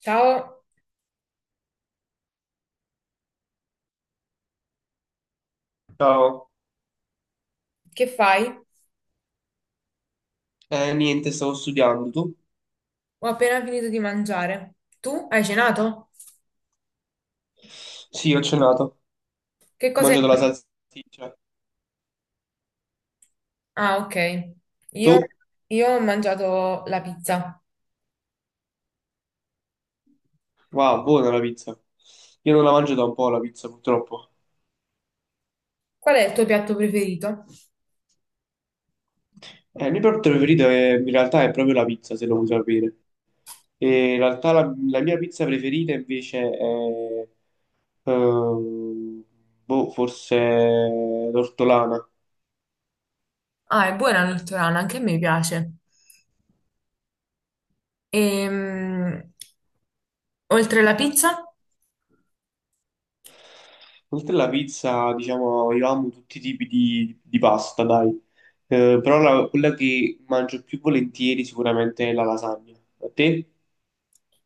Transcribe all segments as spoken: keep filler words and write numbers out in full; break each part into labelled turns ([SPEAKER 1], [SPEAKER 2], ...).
[SPEAKER 1] Ciao,
[SPEAKER 2] Ciao,
[SPEAKER 1] che fai?
[SPEAKER 2] eh, niente, stavo studiando, tu?
[SPEAKER 1] Ho appena finito di mangiare. Tu hai cenato?
[SPEAKER 2] Sì, ho cenato, ho
[SPEAKER 1] Che cosa hai...
[SPEAKER 2] mangiato la salsiccia.
[SPEAKER 1] Ah, ok. Io,
[SPEAKER 2] Tu?
[SPEAKER 1] io ho mangiato la pizza.
[SPEAKER 2] Wow, buona la pizza. Io non la mangio da un po' la pizza, purtroppo.
[SPEAKER 1] Qual è il tuo piatto preferito?
[SPEAKER 2] Eh, il mio piatto preferito è- in realtà è proprio la pizza, se lo vuoi sapere. E in realtà la, la mia pizza preferita invece è... ehm, boh, forse l'ortolana.
[SPEAKER 1] Ah, è buona la l'ortolana, anche a me piace. Ehm, oltre la pizza?
[SPEAKER 2] Oltre alla pizza, diciamo, io amo tutti i tipi di, di pasta, dai. Eh, però la- quella che mangio più volentieri sicuramente è la lasagna. A te?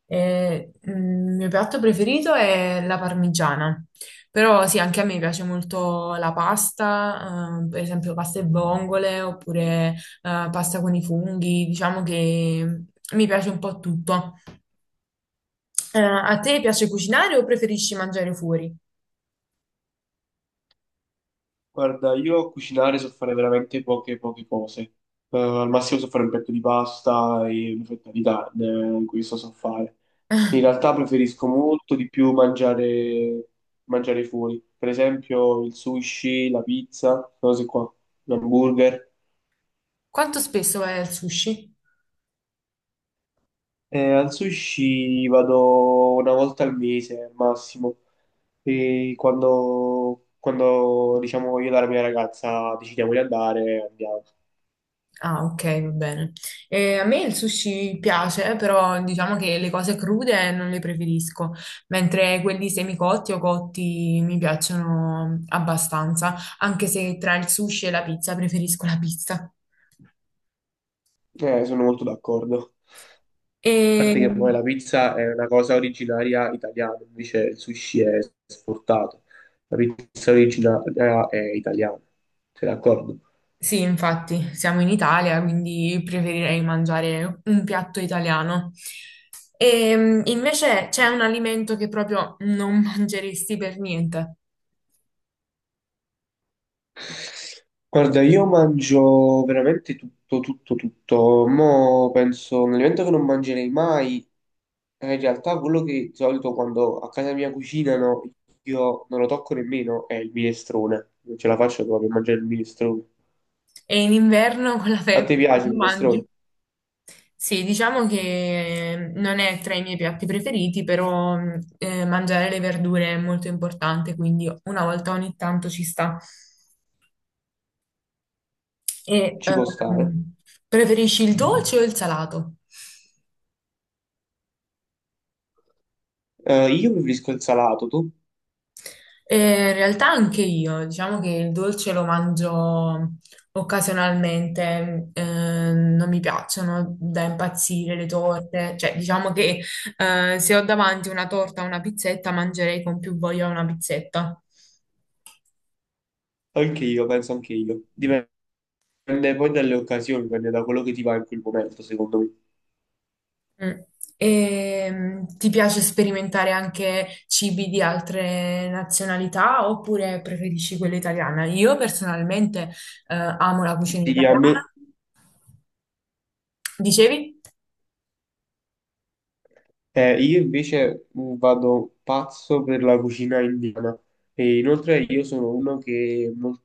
[SPEAKER 1] E, mm, il mio piatto preferito è la parmigiana, però sì, anche a me piace molto la pasta, eh, per esempio pasta e vongole oppure eh, pasta con i funghi, diciamo che mi piace un po' tutto. Eh, a te piace cucinare o preferisci mangiare fuori?
[SPEAKER 2] Guarda, io a cucinare so fare veramente poche, poche cose. Eh, al massimo so fare un petto di pasta e una fetta di carne, eh, questo so fare. In realtà preferisco molto di più mangiare, mangiare fuori. Per esempio il sushi, la pizza, cose qua, l'hamburger.
[SPEAKER 1] Quanto spesso vai al sushi?
[SPEAKER 2] Eh, al sushi vado una volta al mese al massimo, e quando, quando diciamo io e la mia ragazza decidiamo di andare, andiamo.
[SPEAKER 1] Ah, ok, va bene. Eh, a me il sushi piace, però diciamo che le cose crude non le preferisco, mentre quelli semicotti o cotti mi piacciono abbastanza, anche se tra il sushi e la pizza preferisco la pizza.
[SPEAKER 2] Eh, sono molto d'accordo. A
[SPEAKER 1] E
[SPEAKER 2] parte che poi la pizza è una cosa originaria italiana, invece il sushi è esportato. La pizza originaria è italiana, sei d'accordo?
[SPEAKER 1] sì, infatti, siamo in Italia, quindi preferirei mangiare un piatto italiano. E invece c'è un alimento che proprio non mangeresti per niente.
[SPEAKER 2] Guarda, io mangio veramente tutto, tutto, tutto. Mo' penso, un alimento che non mangerei mai, è in realtà quello che di solito quando a casa mia cucinano io non lo tocco nemmeno, è il minestrone. Non ce la faccio proprio a mangiare il minestrone.
[SPEAKER 1] E in inverno con la
[SPEAKER 2] A te
[SPEAKER 1] febbre
[SPEAKER 2] piace il
[SPEAKER 1] quando mangi?
[SPEAKER 2] minestrone?
[SPEAKER 1] Sì, diciamo che ehm, non è tra i miei piatti preferiti, però mh, eh, mangiare le verdure è molto importante, quindi una volta ogni tanto ci sta. E
[SPEAKER 2] Ci può stare.
[SPEAKER 1] ehm, Preferisci il dolce o il salato?
[SPEAKER 2] Eh, io preferisco il salato, tu?
[SPEAKER 1] Eh, in realtà anche io, diciamo che il dolce lo mangio occasionalmente, eh, non mi piacciono da impazzire le torte, cioè diciamo che eh, se ho davanti una torta o una pizzetta mangerei con più voglia una pizzetta.
[SPEAKER 2] Anche io, penso anche io. Dipende poi dalle occasioni, dipende da quello che ti va in quel momento, secondo me.
[SPEAKER 1] Mm. E, ti piace sperimentare anche cibi di altre nazionalità oppure preferisci quella italiana? Io personalmente eh, amo la cucina
[SPEAKER 2] Sì, a me
[SPEAKER 1] italiana. Dicevi?
[SPEAKER 2] eh, io invece mh, vado pazzo per la cucina indiana e inoltre io sono uno che molto,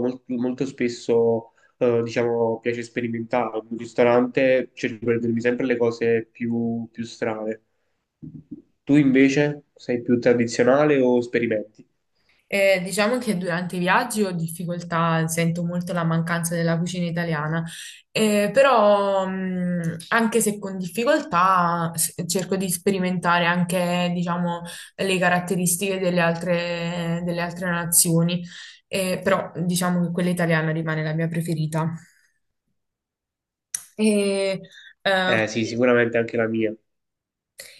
[SPEAKER 2] molto, molto spesso eh, diciamo, piace sperimentare. In un ristorante cerco di prendermi sempre le cose più, più strane. Tu invece sei più tradizionale o sperimenti?
[SPEAKER 1] Eh, diciamo che durante i viaggi ho difficoltà, sento molto la mancanza della cucina italiana. Eh, però mh, anche se con difficoltà s- cerco di sperimentare anche, diciamo, le caratteristiche delle altre, delle altre nazioni. Eh, però diciamo che quella italiana rimane la mia preferita. E, eh,
[SPEAKER 2] Eh sì, sicuramente anche la mia.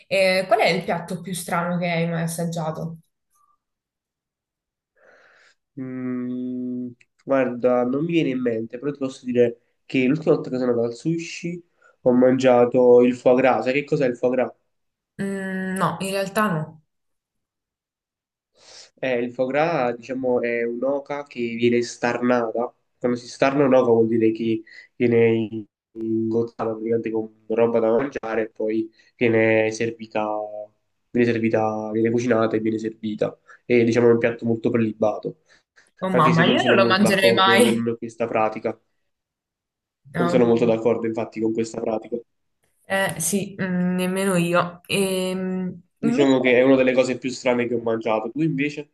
[SPEAKER 1] eh, Qual è il piatto più strano che hai mai assaggiato?
[SPEAKER 2] Mm, guarda, non mi viene in mente, però ti posso dire che l'ultima volta che sono andato al sushi ho mangiato il foie gras. Sai che cos'è il foie gras?
[SPEAKER 1] Mm, no, in realtà no.
[SPEAKER 2] Eh, il foie gras, diciamo, è un'oca che viene starnata. Quando si starna un'oca vuol dire che viene ingozzata praticamente con roba da mangiare e poi viene servita, viene servita, viene cucinata e viene servita. E diciamo è un piatto molto prelibato,
[SPEAKER 1] Oh
[SPEAKER 2] anche se
[SPEAKER 1] mamma,
[SPEAKER 2] non
[SPEAKER 1] io non
[SPEAKER 2] sono
[SPEAKER 1] lo
[SPEAKER 2] molto
[SPEAKER 1] mangerei
[SPEAKER 2] d'accordo
[SPEAKER 1] mai.
[SPEAKER 2] con questa pratica. Non
[SPEAKER 1] No.
[SPEAKER 2] sono molto d'accordo infatti con questa pratica.
[SPEAKER 1] Eh sì, mm, nemmeno io. Ehm,
[SPEAKER 2] Diciamo che è
[SPEAKER 1] invece,
[SPEAKER 2] una delle cose più strane che ho mangiato. Tu invece?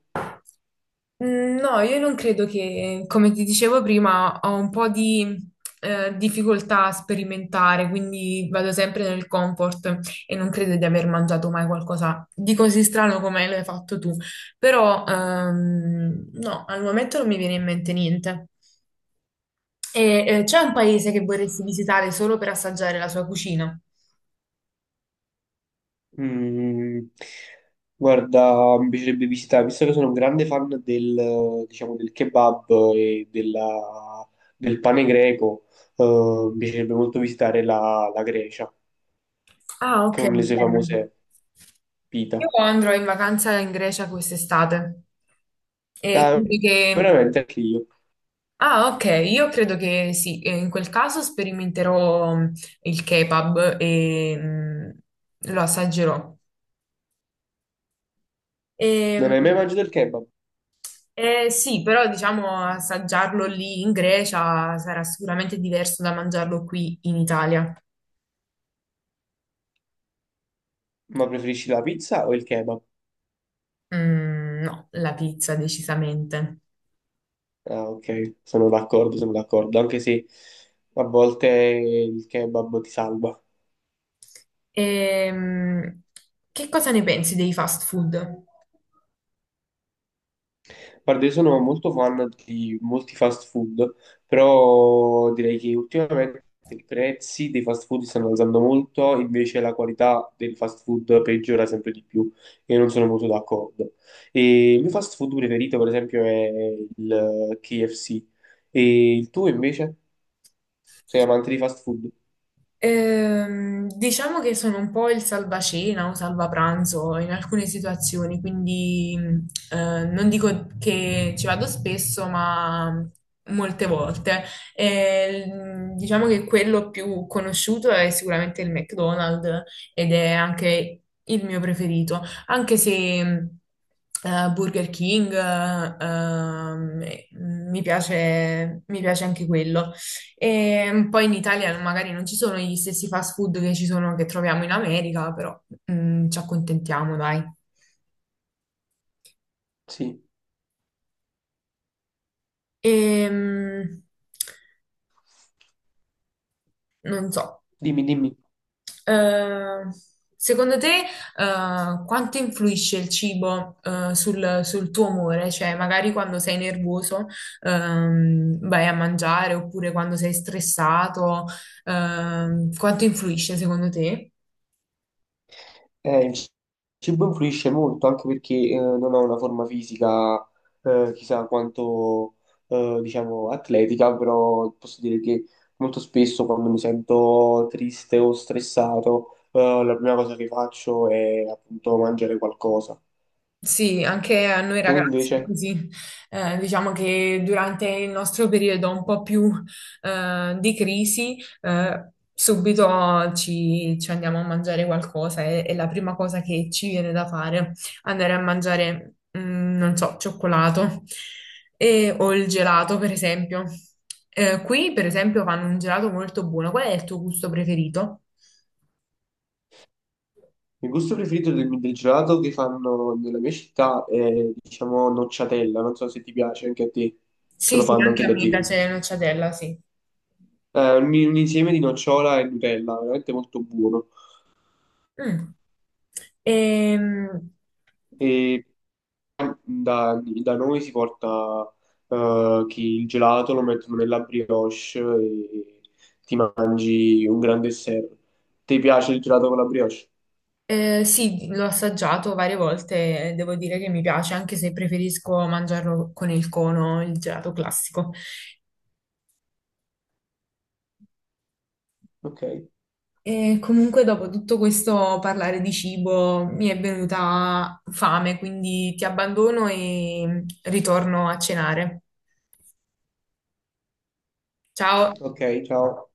[SPEAKER 1] mm, no, io non credo che, come ti dicevo prima, ho un po' di eh, difficoltà a sperimentare, quindi vado sempre nel comfort e non credo di aver mangiato mai qualcosa di così strano come l'hai fatto tu. Però, ehm, no, al momento non mi viene in mente niente. E, eh, c'è un paese che vorresti visitare solo per assaggiare la sua cucina?
[SPEAKER 2] Mm, guarda, mi piacerebbe visitare, visto che sono un grande fan del, diciamo, del kebab e della- del pane greco, eh, mi piacerebbe molto visitare la, la Grecia
[SPEAKER 1] Ah, ok,
[SPEAKER 2] con le sue
[SPEAKER 1] bello.
[SPEAKER 2] famose
[SPEAKER 1] Io
[SPEAKER 2] pita.
[SPEAKER 1] andrò in vacanza in Grecia quest'estate. E
[SPEAKER 2] Ah,
[SPEAKER 1] quindi che...
[SPEAKER 2] veramente anche io.
[SPEAKER 1] Ah, ok, io credo che sì, e in quel caso sperimenterò mm, il kebab e mm, lo assaggerò.
[SPEAKER 2] Non
[SPEAKER 1] E,
[SPEAKER 2] hai mai mangiato il kebab,
[SPEAKER 1] eh, sì, però diciamo assaggiarlo lì in Grecia sarà sicuramente diverso da mangiarlo qui in Italia.
[SPEAKER 2] ma preferisci la pizza o il kebab?
[SPEAKER 1] Mm, no, la pizza decisamente.
[SPEAKER 2] Ah, ok, sono d'accordo, sono d'accordo, anche se a volte il kebab ti salva.
[SPEAKER 1] Ehm, che cosa ne pensi dei fast food?
[SPEAKER 2] Guarda, io sono molto fan di molti fast food, però direi che ultimamente i prezzi dei fast food stanno alzando molto, invece la qualità del fast food peggiora sempre di più e non sono molto d'accordo. E il mio fast food preferito, per esempio, è il K F C. E il tuo invece? Sei amante di fast food?
[SPEAKER 1] Ehm, diciamo che sono un po' il salvacena o salvapranzo in alcune situazioni, quindi mh, eh, non dico che ci vado spesso, ma molte volte. E, mh, diciamo che quello più conosciuto è sicuramente il McDonald's ed è anche il mio preferito, anche se mh, eh, Burger King eh, ehm, mi piace, mi piace anche quello. E poi in Italia magari non ci sono gli stessi fast food che ci sono, che troviamo in America, però mm, ci accontentiamo, dai.
[SPEAKER 2] Sì,
[SPEAKER 1] Ehm, Non so.
[SPEAKER 2] dimmi, dimmi.
[SPEAKER 1] Eh, Secondo te, eh, quanto influisce il cibo, eh, sul, sul tuo umore? Cioè, magari quando sei nervoso, ehm, vai a mangiare, oppure quando sei stressato, ehm, quanto influisce secondo te?
[SPEAKER 2] Eh, il cibo influisce molto anche perché eh, non ho una forma fisica eh, chissà quanto eh, diciamo atletica, però posso dire che molto spesso quando mi sento triste o stressato, eh, la prima cosa che faccio è appunto mangiare qualcosa.
[SPEAKER 1] Sì, anche a noi
[SPEAKER 2] Tu
[SPEAKER 1] ragazzi è
[SPEAKER 2] invece?
[SPEAKER 1] così. Eh, diciamo che durante il nostro periodo un po' più eh, di crisi, eh, subito ci, ci andiamo a mangiare qualcosa e, e la prima cosa che ci viene da fare andare a mangiare, mm, non so, cioccolato e- o il gelato, per esempio. Eh, qui, per esempio, fanno un gelato molto buono. Qual è il tuo gusto preferito?
[SPEAKER 2] Il gusto preferito del, del gelato che fanno nella mia città è diciamo nocciatella, non so se ti piace anche a te, se
[SPEAKER 1] Sì,
[SPEAKER 2] lo
[SPEAKER 1] sì,
[SPEAKER 2] fanno
[SPEAKER 1] anche
[SPEAKER 2] anche
[SPEAKER 1] a
[SPEAKER 2] da
[SPEAKER 1] me
[SPEAKER 2] te.
[SPEAKER 1] piace la nocciadella, sì.
[SPEAKER 2] Eh, un un insieme di nocciola e Nutella, veramente molto buono.
[SPEAKER 1] Mm. Ehm,
[SPEAKER 2] E da, da noi si porta eh, chi il gelato lo mettono nella brioche e ti mangi un grande dessert. Ti piace il gelato con la brioche?
[SPEAKER 1] eh, sì, l'ho assaggiato varie volte e devo dire che mi piace, anche se preferisco mangiarlo con il cono, il gelato classico.
[SPEAKER 2] Ok,
[SPEAKER 1] E comunque, dopo tutto questo parlare di cibo, mi è venuta fame, quindi ti abbandono e ritorno a cenare. Ciao!
[SPEAKER 2] ok, ciao.